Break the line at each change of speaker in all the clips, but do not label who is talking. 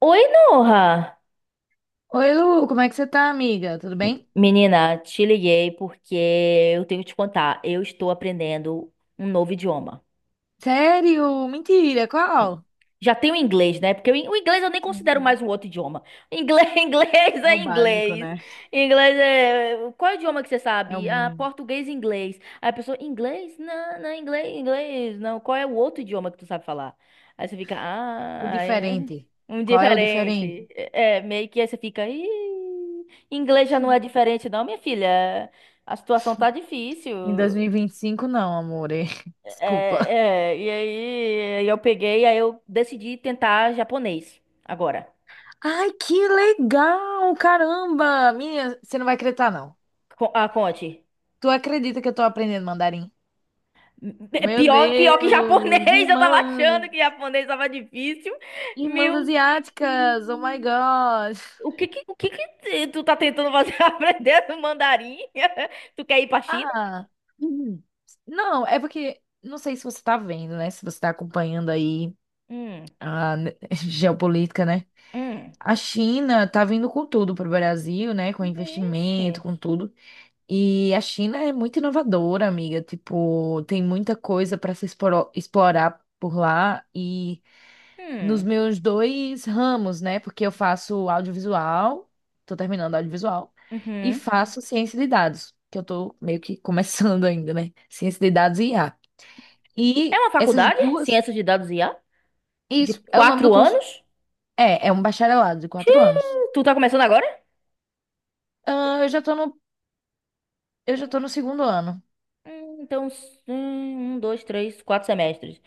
Oi, Noha!
Oi, Lu, como é que você tá, amiga? Tudo bem?
Menina, te liguei porque eu tenho que te contar. Eu estou aprendendo um novo idioma.
Sério? Mentira,
Sim.
qual?
Já tem o inglês, né? Porque o inglês eu nem
Sim,
considero
sim.
mais um outro idioma. Inglês, inglês
É o
é
básico,
inglês.
né?
Inglês é. Qual é o idioma que você
É o
sabe? Ah,
mínimo.
português e inglês. Aí a pessoa, inglês? Não, não, inglês, inglês. Não, qual é o outro idioma que tu sabe falar? Aí você fica,
O
ah, é.
diferente.
Um
Qual é o diferente?
diferente. É, é, meio que aí você fica, inglês já não é diferente, não, minha filha. A situação tá difícil.
Em dois mil e vinte e cinco não, amor. Desculpa.
É, é, e aí eu peguei, aí eu decidi tentar japonês agora.
Ai, que legal! Caramba! Minha, você não vai acreditar, não.
Ah, conte.
Tu acredita que eu tô aprendendo mandarim?
É
Meu
pior, pior que
Deus!
japonês, eu tava achando
Irmãs!
que japonês tava difícil.
Irmãs
Meu Deus.
asiáticas! Oh my God!
O que que tu tá tentando fazer aprender no mandarim? Tu quer ir pra China?
Ah, hum. Não, é porque não sei se você tá vendo, né? Se você tá acompanhando aí
Hum,
a ne- geopolítica, né?
hum.
A China tá vindo com tudo pro Brasil, né? Com
Vixe.
investimento, com tudo. E a China é muito inovadora, amiga. Tipo, tem muita coisa para se explorar por lá nos
Hum,
meus dois ramos, né? Porque eu faço audiovisual, tô terminando audiovisual, e
uhum.
faço ciência de dados, que eu tô meio que começando ainda, né? Ciência de dados e IA.
É
E
uma
essas
faculdade?
duas,
Ciência de dados e IA? De
isso, é o nome do
quatro
curso.
anos?
É, é um bacharelado de 4 anos.
Tu tá começando agora?
Ah, eu já tô no segundo ano.
Hum. Então, um, dois, três, quatro semestres.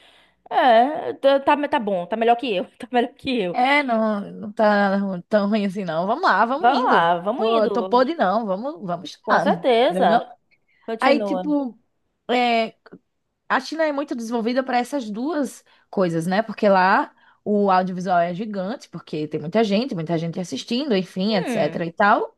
É, tá bom, tá melhor que eu, tá melhor que eu.
Não, não tá tão ruim assim, não. Vamos lá, vamos
Vamos
indo.
lá, vamos
Tô
indo.
podre, não. Vamos
Com
estudando. Não. É
certeza.
não? Aí,
Continua.
tipo, é, a China é muito desenvolvida para essas duas coisas, né? Porque lá o audiovisual é gigante, porque tem muita gente assistindo, enfim, etc
Hum.
e tal.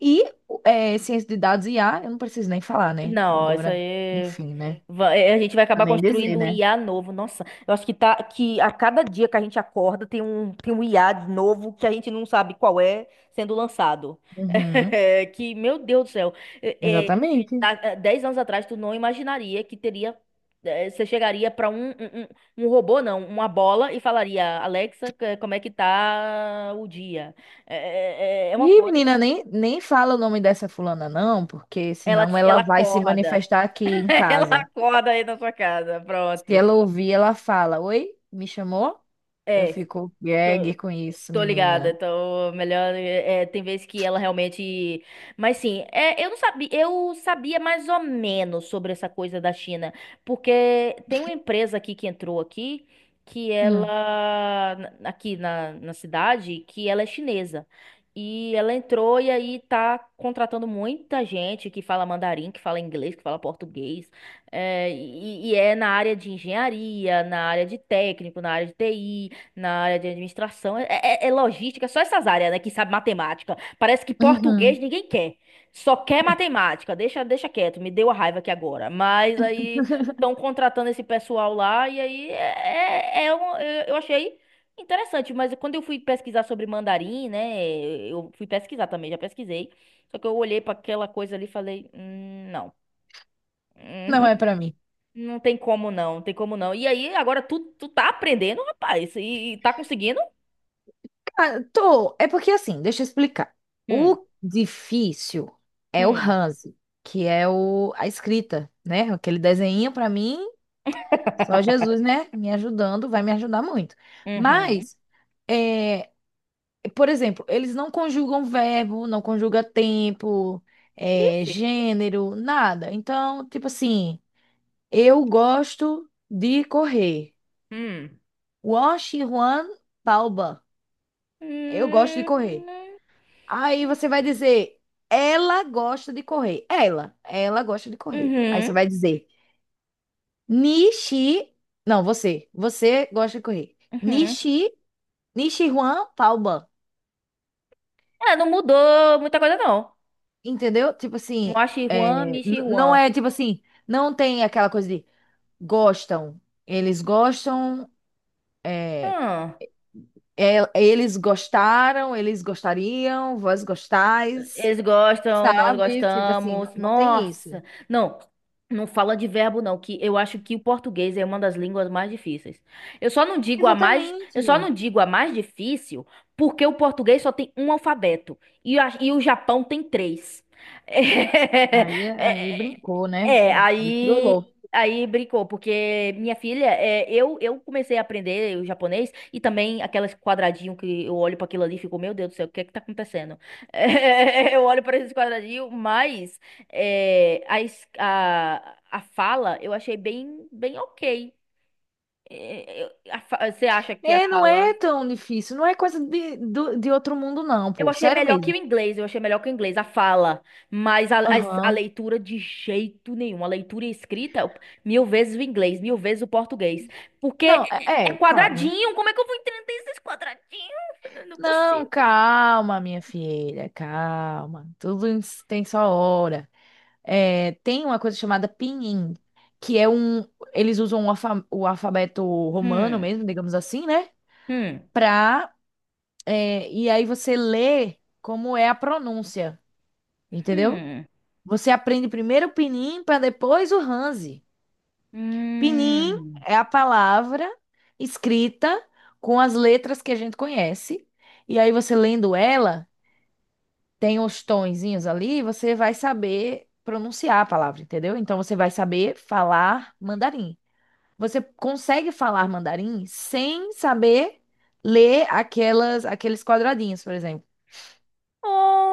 E é, ciência de dados e IA, eu não preciso nem falar, né?
Não, isso
Agora,
aí.
enfim, né?
É, a gente vai
Pra
acabar
nem dizer,
construindo um
né?
IA novo. Nossa, eu acho que tá que a cada dia que a gente acorda tem um IA de novo que a gente não sabe qual é sendo lançado.
Uhum,
Que, meu Deus do céu. É, é,
exatamente.
há 10 anos atrás, tu não imaginaria que teria. É, você chegaria para um um robô, não, uma bola, e falaria: "Alexa, como é que tá o dia?" É uma
E
coisa.
menina, nem fala o nome dessa fulana, não, porque
Ela,
senão ela
ela
vai se
acorda.
manifestar aqui em
Ela
casa.
acorda aí na sua casa,
Se
pronto.
ela ouvir, ela fala: Oi, me chamou? Eu
É,
fico gag
tô-
com isso,
tô ligada,
menina.
tô melhor. É, tem vezes que ela realmente. Mas sim, é, eu não sabia, eu sabia mais ou menos sobre essa coisa da China, porque tem uma empresa aqui que entrou aqui, que
Hum.
ela aqui na cidade, que ela é chinesa. E ela entrou e aí tá contratando muita gente que fala mandarim, que fala inglês, que fala português. É, e é na área de engenharia, na área de técnico, na área de TI. Na área de administração, é, é logística, só essas áreas, né, que sabe matemática. Parece que
Uhum.
português ninguém quer. Só quer matemática. Deixa quieto, me deu a raiva aqui agora. Mas aí estão contratando esse pessoal lá, e aí é, eu achei interessante. Mas quando eu fui pesquisar sobre mandarim, né, eu fui pesquisar também, já pesquisei. Só que eu olhei para aquela coisa ali e falei: não.
Não é pra mim.
Não tem como não tem como não." E aí, agora tu tá aprendendo, rapaz, e tá conseguindo?
Ah, tô. É porque assim, deixa eu explicar.
Hum.
O difícil é o
Hum.
Hanzi, que é a escrita, né? Aquele desenho pra mim, só Jesus, né? Me ajudando, vai me ajudar muito.
Uhum.
Mas, é, por exemplo, eles não conjugam verbo, não conjuga tempo, é,
Ixi.
gênero, nada. Então, tipo assim, eu gosto de correr.
Hum.
Wash Juan Palba. Eu gosto de
Hum.
correr. Aí você vai dizer, ela gosta de correr. Ela gosta de correr. Aí você
Uhum.
vai dizer, Nishi. Não, você. Você gosta de correr.
Uhum.
Nishi, Nishiruan Taoban.
É, não mudou muita coisa, não.
Entendeu? Tipo assim,
Moshi
é,
Juan, Michi
não
Juan.
é tipo assim, não tem aquela coisa de gostam. Eles gostam, é,
Hum.
eles gostaram, eles gostariam, vós gostais,
Eles gostam, nós
sabe? Tipo assim, não,
gostamos.
não tem isso.
Nossa. Não, não fala de verbo, não, que eu acho que o português é uma das línguas mais difíceis. Eu só não digo a mais,
Exatamente.
eu só não digo a mais difícil porque o português só tem um alfabeto e, e o Japão tem três.
Aí,
É,
aí
é,
brincou, né,
é,
filho? Aí trollou.
aí brincou, porque minha filha, é, eu comecei a aprender o japonês e também aqueles quadradinho que eu olho para aquilo ali e fico, meu Deus do céu, o que é que tá acontecendo? É, eu olho para esses quadradinhos, mas é, a fala eu achei bem ok. É, você acha que a
É, não
fala
é tão difícil, não é coisa de, de outro mundo, não,
eu
pô.
achei
Sério
melhor que
mesmo.
o inglês, eu achei melhor que o inglês, a fala. Mas a
Aham.
leitura de jeito nenhum. A leitura e escrita, mil vezes o inglês, mil vezes o português. Porque
Não,
é
é, claro, né?
quadradinho. Como é que eu vou entender esses quadradinhos? Eu não
Não,
consigo.
calma, minha filha, calma. Tem sua hora. É, tem uma coisa chamada pinyin, que é um. Eles usam o alfabeto romano
Hum,
mesmo, digamos assim, né?
hum,
Pra. É, e aí você lê como é a pronúncia, entendeu?
hum,
Você aprende primeiro o pinyin para depois o Hanzi. Pinyin
hum.
é a palavra escrita com as letras que a gente conhece. E aí você lendo ela, tem os tonzinhos ali, você vai saber pronunciar a palavra, entendeu? Então você vai saber falar mandarim. Você consegue falar mandarim sem saber ler aqueles quadradinhos, por exemplo,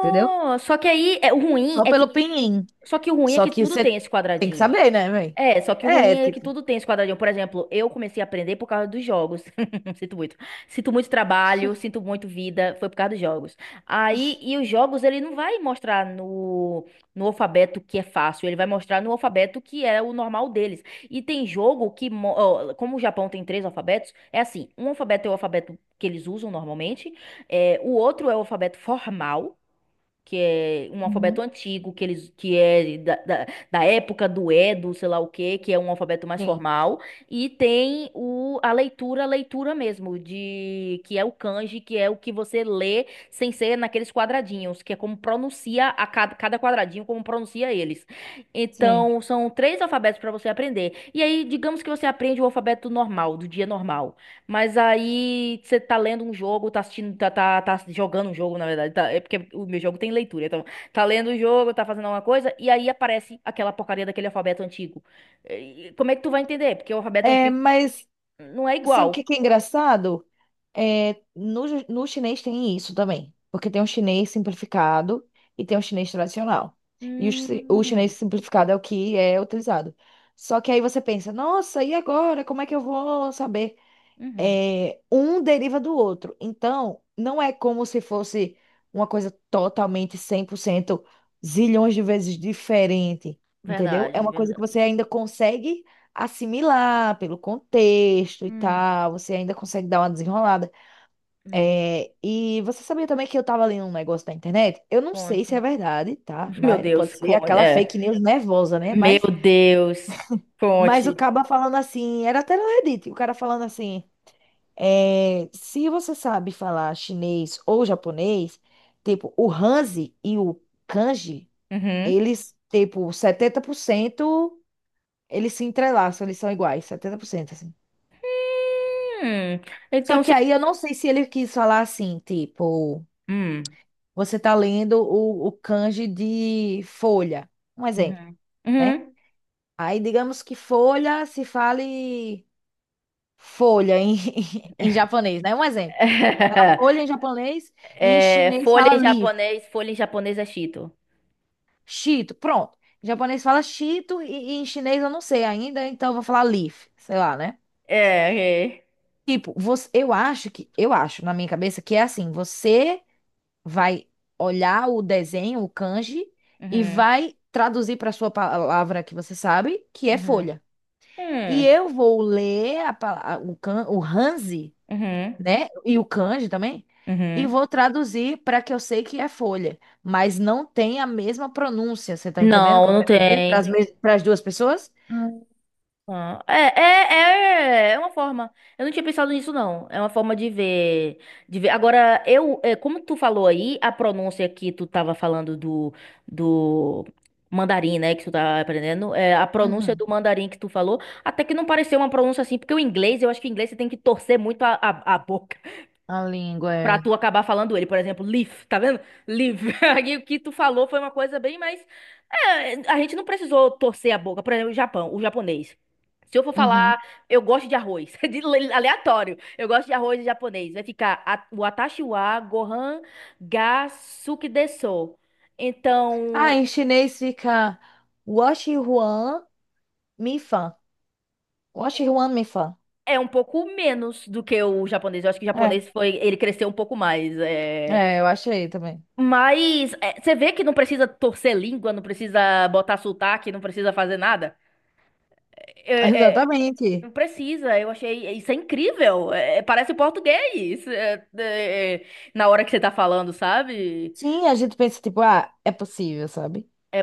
entendeu?
só que aí, é, o ruim
Só
é que.
pelo pinyin.
Só que o ruim é
Só
que
que
tudo tem
você
esse
tem que
quadradinho.
saber, né, velho?
É, só que o ruim
É,
é que
tipo.
tudo tem esse quadradinho. Por exemplo, eu comecei a aprender por causa dos jogos. Sinto muito. Sinto muito trabalho, sinto muito vida, foi por causa dos jogos. Aí, e os jogos, ele não vai mostrar no alfabeto que é fácil, ele vai mostrar no alfabeto que é o normal deles. E tem jogo que, ó, como o Japão tem três alfabetos, é assim, um alfabeto é o alfabeto que eles usam normalmente, é, o outro é o alfabeto formal, que é um alfabeto
Uhum.
antigo, que eles que é da, da época do Edo, sei lá o quê, que é um alfabeto mais
Sim,
formal, e tem o, a leitura mesmo, de que é o kanji, que é o que você lê sem ser naqueles quadradinhos, que é como pronuncia cada quadradinho, como pronuncia eles.
sim.
Então, são três alfabetos para você aprender. E aí, digamos que você aprende o alfabeto normal, do dia normal. Mas aí você tá lendo um jogo, tá assistindo, tá jogando um jogo, na verdade. É porque o meu jogo tem leitura, então. Tá lendo o jogo, tá fazendo alguma coisa, e aí aparece aquela porcaria daquele alfabeto antigo. E como é que tu vai entender? Porque o alfabeto
É,
antigo
mas
não é
sabe o que
igual.
que é engraçado? É, no chinês tem isso também. Porque tem um chinês simplificado e tem um chinês tradicional. E o
Hum,
chinês simplificado é o que é utilizado. Só que aí você pensa, nossa, e agora? Como é que eu vou saber
uhum.
é, um deriva do outro. Então, não é como se fosse uma coisa totalmente 100% zilhões de vezes diferente, entendeu? É
Verdade,
uma coisa que você
verdade.
ainda consegue assimilar pelo contexto e
Hum,
tal, você ainda consegue dar uma desenrolada.
hum.
É, e você sabia também que eu tava lendo um negócio na internet? Eu não sei se é
Conte.
verdade, tá?
Meu
Mas
Deus,
pode ser
conte.
aquela
É.
fake news nervosa, né?
Meu Deus,
Mas o
conte.
cara falando assim, era até no Reddit, o cara falando assim. É, se você sabe falar chinês ou japonês, tipo, o Hanzi e o Kanji,
Uhum.
eles, tipo, 70%, eles se entrelaçam, eles são iguais, 70%, assim.
Hum,
Só
então
que
você.
aí eu não sei se ele quis falar assim, tipo,
Hum.
você tá lendo o Kanji de folha, um exemplo,
Uhum.
né?
Uhum.
Aí digamos que folha se fale folha em, em japonês, né? Um exemplo. Fala folha em japonês e em
É,
chinês fala leaf.
folha em japonês é Cheeto.
Chito pronto. Em japonês fala chito e em chinês eu não sei ainda, então eu vou falar Leaf, sei lá, né?
É, é.
Tipo, você, eu acho que, eu acho na minha cabeça que é assim, você vai olhar o desenho, o kanji, e
Uhum,
vai traduzir para sua palavra que você sabe, que é
uhum,
folha. E
hum,
eu vou ler a, o Hanzi
uhum,
né? E o kanji também. E
uhum.
vou traduzir para que eu sei que é folha, mas não tem a mesma pronúncia. Você tá entendendo o
Não,
que eu
não
quero dizer?
tem.
Para as duas pessoas?
Ah, é, é, é, é uma forma. Eu não tinha pensado nisso, não. É uma forma de ver, de ver. Agora, eu, é, como tu falou aí, a pronúncia que tu tava falando do, do mandarim, né, que tu tá aprendendo, é, a pronúncia
Uhum.
do mandarim que tu falou, até que não pareceu uma pronúncia assim, porque o inglês, eu acho que o inglês você tem que torcer muito a boca
A língua
pra
é.
tu acabar falando ele, por exemplo, live, tá vendo? Live. Aí o que tu falou foi uma coisa bem mais. É, a gente não precisou torcer a boca. Por exemplo, o Japão, o japonês. Se eu for falar,
Uhum.
eu gosto de arroz, aleatório. Eu gosto de arroz em japonês. Vai ficar o Atashi wa Gohan ga Suki desu. Então,
Ah, em chinês fica Washi Huan Mi Fan. Washi Huan Mi Fan.
é um pouco menos do que o japonês. Eu acho que o
É,
japonês foi, ele cresceu um pouco mais. É.
eu achei também.
Mas é, você vê que não precisa torcer língua, não precisa botar sotaque, não precisa fazer nada. É, é,
Exatamente.
não precisa, eu achei. Isso é incrível. É, é, parece português. É, é, na hora que você tá falando, sabe?
Sim, a gente pensa, tipo, ah, é possível, sabe?
É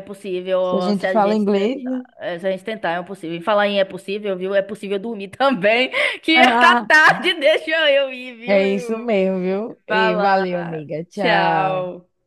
Se a
possível se
gente
a
fala
gente
inglês.
tentar.
Né?
É, se a gente tentar, é possível. E falar em é possível, viu? É possível dormir também. Que tá
Ah,
tarde, deixa eu ir, viu?
é isso mesmo, viu?
Vai
E
lá.
valeu, amiga. Tchau.
Tchau.